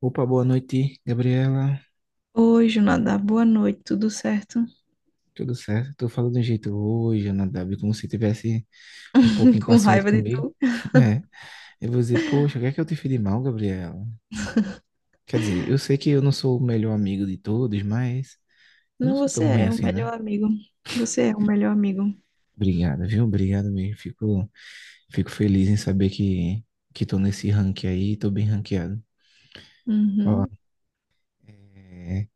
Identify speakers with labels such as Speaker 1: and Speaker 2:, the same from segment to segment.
Speaker 1: Opa, boa noite, Gabriela.
Speaker 2: Oi, Junada, boa noite, tudo certo?
Speaker 1: Tudo certo? Tô falando de um jeito hoje, Ana Dabi, como se tivesse um pouco
Speaker 2: Com
Speaker 1: impaciente
Speaker 2: raiva de
Speaker 1: comigo.
Speaker 2: tu.
Speaker 1: É, eu vou dizer, poxa, o que é que eu te fiz de mal, Gabriela? Quer dizer, eu sei que eu não sou o melhor amigo de todos, mas eu não
Speaker 2: Não,
Speaker 1: sou
Speaker 2: você
Speaker 1: tão ruim
Speaker 2: é o
Speaker 1: assim,
Speaker 2: melhor
Speaker 1: né?
Speaker 2: amigo. Você é o melhor amigo.
Speaker 1: Obrigado, viu? Obrigado mesmo. Fico feliz em saber que tô nesse rank aí, tô bem ranqueado. Ó,
Speaker 2: Uhum.
Speaker 1: é,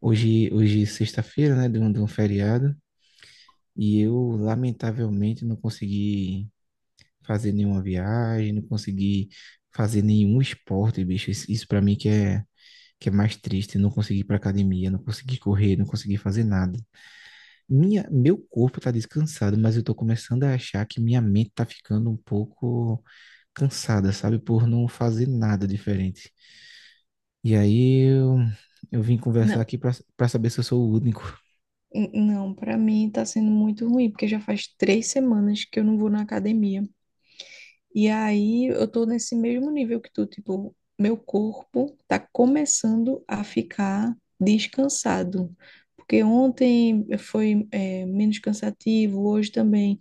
Speaker 1: hoje é sexta-feira, né, de um feriado, e eu, lamentavelmente, não consegui fazer nenhuma viagem, não conseguir fazer nenhum esporte, bicho. Isso para mim que é mais triste, não conseguir ir pra academia, não conseguir correr, não conseguir fazer nada. Meu corpo tá descansado, mas eu tô começando a achar que minha mente tá ficando um pouco cansada, sabe? Por não fazer nada diferente. E aí eu, eu vim conversar
Speaker 2: Não,
Speaker 1: aqui pra saber se eu sou o único.
Speaker 2: não, pra mim tá sendo muito ruim, porque já faz 3 semanas que eu não vou na academia. E aí eu tô nesse mesmo nível que tu, tipo, meu corpo tá começando a ficar descansado. Porque ontem foi, é, menos cansativo, hoje também.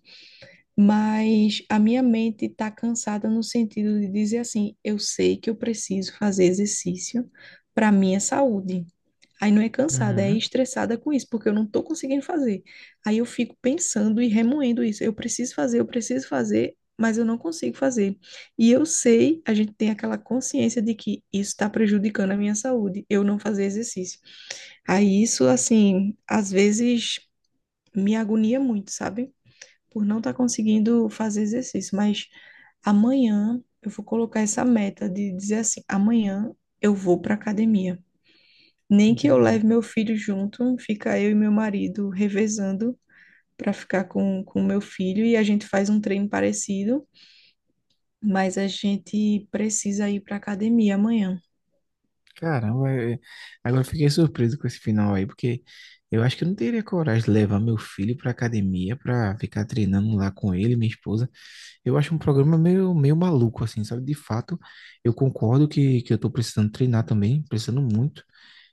Speaker 2: Mas a minha mente está cansada no sentido de dizer assim, eu sei que eu preciso fazer exercício para minha saúde. Aí não é cansada, é
Speaker 1: Uhum,
Speaker 2: estressada com isso, porque eu não estou conseguindo fazer. Aí eu fico pensando e remoendo isso. Eu preciso fazer, mas eu não consigo fazer. E eu sei, a gente tem aquela consciência de que isso está prejudicando a minha saúde, eu não fazer exercício. Aí isso, assim, às vezes me agonia muito, sabe? Por não estar conseguindo fazer exercício, mas amanhã eu vou colocar essa meta de dizer assim, amanhã eu vou para academia. Nem que eu
Speaker 1: entendi.
Speaker 2: leve meu filho junto, fica eu e meu marido revezando para ficar com o meu filho e a gente faz um treino parecido, mas a gente precisa ir para academia amanhã.
Speaker 1: Caramba, agora eu fiquei surpreso com esse final aí, porque eu acho que eu não teria coragem de levar meu filho pra academia pra ficar treinando lá com ele, minha esposa. Eu acho um programa meio maluco, assim, sabe? De fato, eu concordo que eu tô precisando treinar também, precisando muito,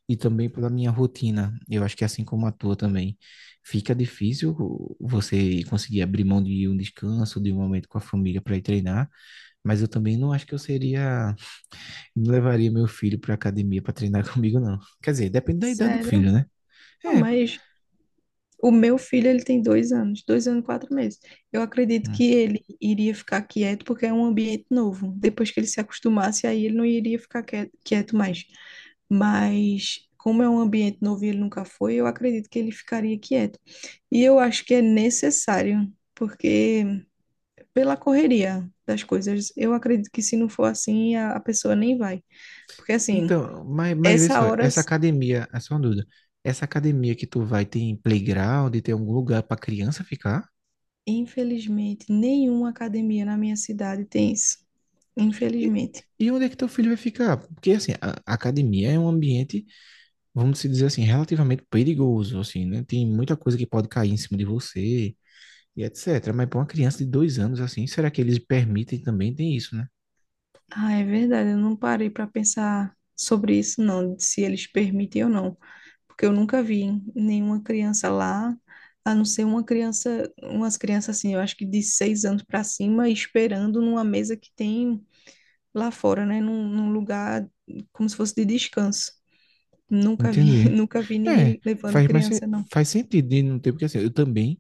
Speaker 1: e também pela minha rotina. Eu acho que assim como a tua também, fica difícil você conseguir abrir mão de um descanso, de um momento com a família pra ir treinar, mas eu também não acho que eu seria. Não levaria meu filho pra academia pra treinar comigo, não. Quer dizer, depende da idade do
Speaker 2: Sério?
Speaker 1: filho, né?
Speaker 2: Não,
Speaker 1: É.
Speaker 2: mas o meu filho, ele tem 2 anos, 2 anos e 4 meses. Eu acredito
Speaker 1: Hum.
Speaker 2: que ele iria ficar quieto porque é um ambiente novo. Depois que ele se acostumasse, aí ele não iria ficar quieto mais. Mas como é um ambiente novo e ele nunca foi, eu acredito que ele ficaria quieto. E eu acho que é necessário, porque pela correria das coisas, eu acredito que se não for assim, a pessoa nem vai. Porque assim,
Speaker 1: Então, mas vê
Speaker 2: essa
Speaker 1: só,
Speaker 2: hora
Speaker 1: essa academia, é só uma dúvida. Essa academia que tu vai tem playground, tem algum lugar pra criança ficar?
Speaker 2: infelizmente, nenhuma academia na minha cidade tem isso.
Speaker 1: E,
Speaker 2: Infelizmente.
Speaker 1: e onde é que teu filho vai ficar? Porque, assim, a academia é um ambiente, vamos se dizer assim, relativamente perigoso, assim, né? Tem muita coisa que pode cair em cima de você e etc. Mas pra uma criança de 2 anos, assim, será que eles permitem também? Tem isso, né?
Speaker 2: Ah, é verdade, eu não parei para pensar sobre isso, não, de se eles permitem ou não. Porque eu nunca vi nenhuma criança lá, a não ser uma criança, umas crianças assim, eu acho que de 6 anos para cima, esperando numa mesa que tem lá fora, né? Num lugar como se fosse de descanso. Nunca vi,
Speaker 1: Entendi.
Speaker 2: nunca vi
Speaker 1: É,
Speaker 2: ninguém levando
Speaker 1: faz mais sen-
Speaker 2: criança, não.
Speaker 1: faz sentido de não ter, porque assim, eu também,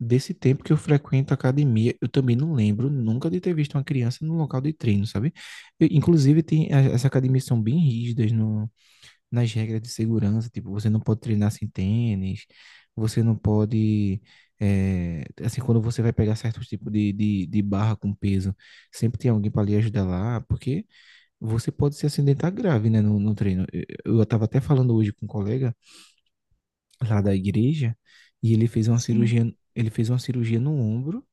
Speaker 1: desse tempo que eu frequento a academia, eu também não lembro nunca de ter visto uma criança no local de treino, sabe? E, inclusive, as academias são bem rígidas no, nas regras de segurança, tipo, você não pode treinar sem tênis, você não pode, é, assim, quando você vai pegar certos tipos de barra com peso, sempre tem alguém para lhe ajudar lá, porque você pode se acidentar grave, né, no treino. Eu tava até falando hoje com um colega, lá da igreja e ele fez uma
Speaker 2: Sim.
Speaker 1: cirurgia, ele fez uma cirurgia no ombro,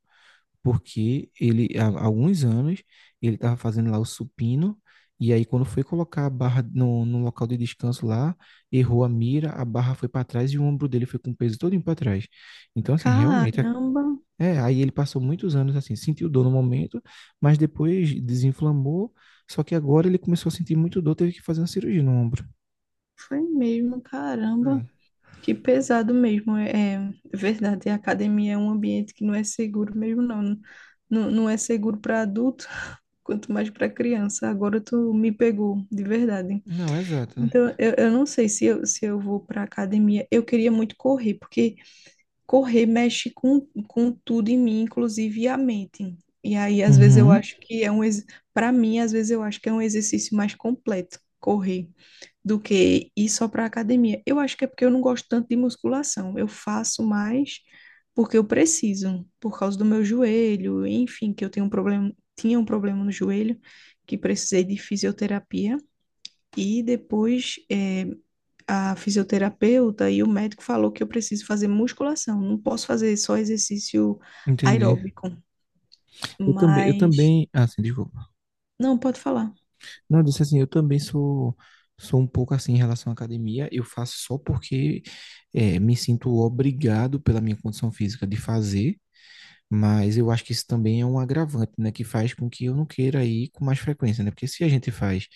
Speaker 1: porque ele há alguns anos ele estava fazendo lá o supino e aí quando foi colocar a barra no local de descanso lá, errou a mira, a barra foi para trás e o ombro dele foi com o peso todo para trás. Então assim, realmente
Speaker 2: Caramba!
Speaker 1: aí ele passou muitos anos assim, sentiu dor no momento, mas depois desinflamou, só que agora ele começou a sentir muito dor, teve que fazer uma cirurgia no ombro.
Speaker 2: Foi mesmo,
Speaker 1: É.
Speaker 2: caramba. Que pesado mesmo. É, é verdade, a academia é um ambiente que não é seguro mesmo, não. Não, não é seguro para adulto, quanto mais para criança. Agora tu me pegou, de verdade.
Speaker 1: Não, exato.
Speaker 2: Então, eu não sei se eu, se eu vou para academia. Eu queria muito correr, porque correr mexe com tudo em mim, inclusive a mente. E aí, às vezes, eu
Speaker 1: Uhum,
Speaker 2: acho que é um. Para mim, às vezes, eu acho que é um exercício mais completo, correr do que ir só para academia. Eu acho que é porque eu não gosto tanto de musculação. Eu faço mais porque eu preciso, por causa do meu joelho, enfim, que eu tenho um problema, tinha um problema no joelho, que precisei de fisioterapia e depois a fisioterapeuta e o médico falou que eu preciso fazer musculação, não posso fazer só exercício
Speaker 1: entendi.
Speaker 2: aeróbico,
Speaker 1: Eu
Speaker 2: mas
Speaker 1: também, ah, assim, desculpa.
Speaker 2: não pode falar.
Speaker 1: Não, eu disse assim, eu também sou um pouco assim em relação à academia. Eu faço só porque me sinto obrigado pela minha condição física de fazer. Mas eu acho que isso também é um agravante, né? Que faz com que eu não queira ir com mais frequência, né? Porque se a gente faz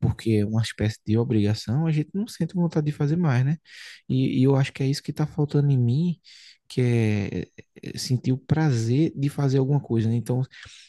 Speaker 1: porque é uma espécie de obrigação, a gente não sente vontade de fazer mais, né? E eu acho que é isso que está faltando em mim, que é sentir o prazer de fazer alguma coisa, né? Então,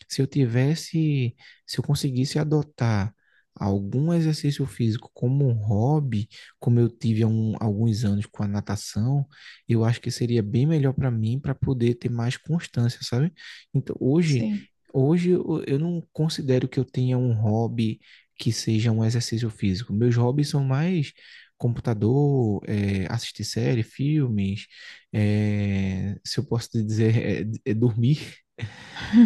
Speaker 1: se eu tivesse, se eu conseguisse adotar algum exercício físico como um hobby, como eu tive alguns anos com a natação, eu acho que seria bem melhor para mim para poder ter mais constância, sabe? Então,
Speaker 2: Sim,
Speaker 1: hoje eu não considero que eu tenha um hobby que seja um exercício físico. Meus hobbies são mais computador, assistir série, filmes, se eu posso te dizer, dormir,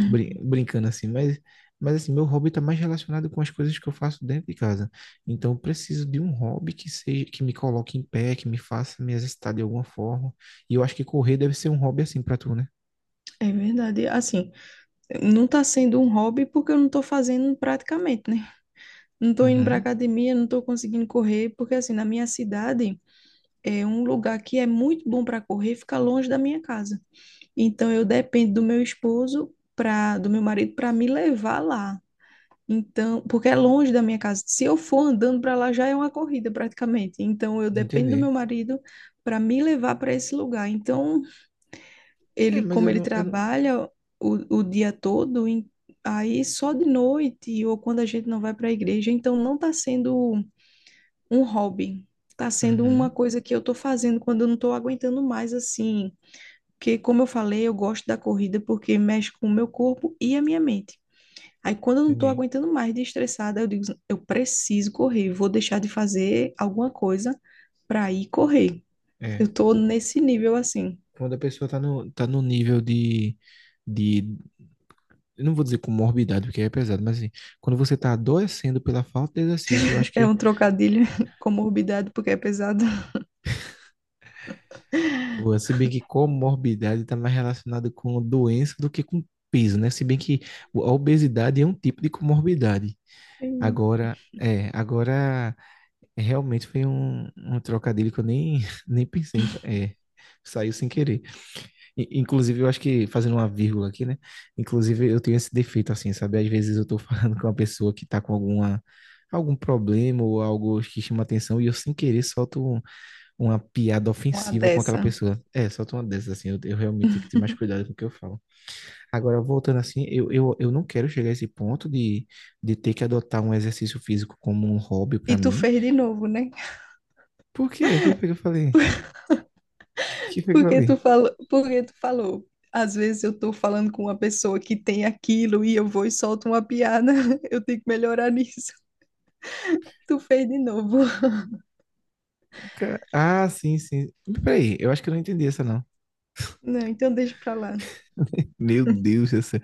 Speaker 1: brincando assim, mas assim, meu hobby está mais relacionado com as coisas que eu faço dentro de casa. Então, eu preciso de um hobby que seja, que me coloque em pé, que me faça me exercitar de alguma forma. E eu acho que correr deve ser um hobby assim para tu, né?
Speaker 2: é verdade. Assim, não está sendo um hobby porque eu não estou fazendo praticamente, né? Não estou indo para
Speaker 1: Uhum,
Speaker 2: academia, não estou conseguindo correr, porque assim, na minha cidade é um lugar que é muito bom para correr, fica longe da minha casa. Então eu dependo do meu esposo para do meu marido para me levar lá. Então, porque é longe da minha casa. Se eu for andando para lá já é uma corrida praticamente. Então eu dependo do meu
Speaker 1: entendi.
Speaker 2: marido para me levar para esse lugar. Então
Speaker 1: É,
Speaker 2: ele,
Speaker 1: mas
Speaker 2: como ele
Speaker 1: eu não...
Speaker 2: trabalha o dia todo, aí só de noite ou quando a gente não vai para a igreja, então não está sendo um hobby, está sendo uma
Speaker 1: Uhum,
Speaker 2: coisa que eu estou fazendo quando eu não estou aguentando mais assim. Porque, como eu falei, eu gosto da corrida porque mexe com o meu corpo e a minha mente. Aí, quando eu não estou
Speaker 1: entendi.
Speaker 2: aguentando mais de estressada, eu digo, eu preciso correr, vou deixar de fazer alguma coisa para ir correr. Eu
Speaker 1: É,
Speaker 2: estou nesse nível assim.
Speaker 1: quando a pessoa tá no nível de, eu não vou dizer comorbidade, porque é pesado, mas assim, quando você tá adoecendo pela falta de exercício, eu acho
Speaker 2: É
Speaker 1: que...
Speaker 2: um trocadilho com morbidade porque é pesado.
Speaker 1: Boa, se bem que comorbidade está mais relacionada com doença do que com peso, né? Se bem que a obesidade é um tipo de comorbidade.
Speaker 2: Sim.
Speaker 1: Agora, é, agora realmente foi um trocadilho que eu nem, nem pensei, é, saiu sem querer. Inclusive, eu acho que, fazendo uma vírgula aqui, né? Inclusive, eu tenho esse defeito assim, sabe? Às vezes eu estou falando com uma pessoa que está com algum problema ou algo que chama atenção e eu sem querer solto uma piada
Speaker 2: Uma
Speaker 1: ofensiva com aquela
Speaker 2: dessa.
Speaker 1: pessoa. É, solta uma dessas, assim, eu realmente tenho que ter mais cuidado com o que eu falo. Agora, voltando assim, eu não quero chegar a esse ponto de ter que adotar um exercício físico como um hobby
Speaker 2: E
Speaker 1: pra
Speaker 2: tu
Speaker 1: mim.
Speaker 2: fez de novo, né?
Speaker 1: Por quê? O que foi que eu falei? O que foi que eu
Speaker 2: Porque
Speaker 1: falei?
Speaker 2: tu falou, porque tu falou. Às vezes eu tô falando com uma pessoa que tem aquilo e eu vou e solto uma piada. Eu tenho que melhorar nisso. Tu fez de novo.
Speaker 1: Ca- Ah, sim, sim. Peraí, eu acho que eu não entendi essa, não.
Speaker 2: Não, então deixa pra lá.
Speaker 1: Meu Deus, essa...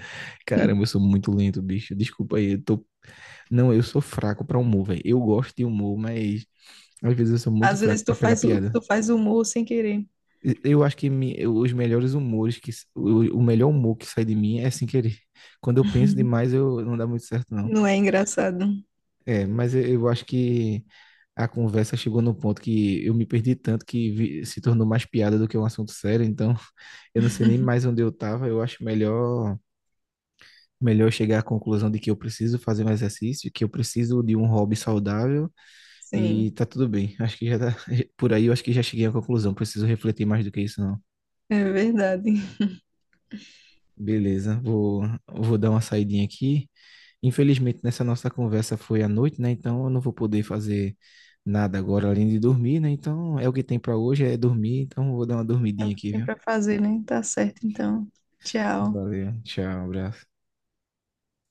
Speaker 1: Caramba, eu sou muito lento, bicho. Desculpa aí, eu tô... Não, eu sou fraco pra humor, velho. Eu gosto de humor, mas às vezes eu sou muito
Speaker 2: Às
Speaker 1: fraco
Speaker 2: vezes tu
Speaker 1: pra pegar
Speaker 2: faz, tu
Speaker 1: piada.
Speaker 2: faz humor sem querer.
Speaker 1: Eu acho que os melhores humores o melhor humor que sai de mim é sem querer. Quando eu penso demais, eu não dá muito certo, não.
Speaker 2: Não é engraçado.
Speaker 1: É, mas eu acho que a conversa chegou no ponto que eu me perdi tanto se tornou mais piada do que um assunto sério, então eu não sei nem mais onde eu estava. Eu acho melhor melhor chegar à conclusão de que eu preciso fazer um exercício, que eu preciso de um hobby saudável e
Speaker 2: Sim,
Speaker 1: tá tudo bem. Acho que já tá, por aí eu acho que já cheguei à conclusão, preciso refletir mais do que isso, não.
Speaker 2: é verdade.
Speaker 1: Beleza, vou dar uma saidinha aqui. Infelizmente, nessa nossa conversa foi à noite, né? Então eu não vou poder fazer nada agora além de dormir, né? Então é o que tem pra hoje, é dormir. Então eu vou dar uma
Speaker 2: É o
Speaker 1: dormidinha
Speaker 2: que
Speaker 1: aqui,
Speaker 2: tem
Speaker 1: viu?
Speaker 2: pra fazer, né? Tá certo, então. Tchau.
Speaker 1: Valeu, tchau, abraço.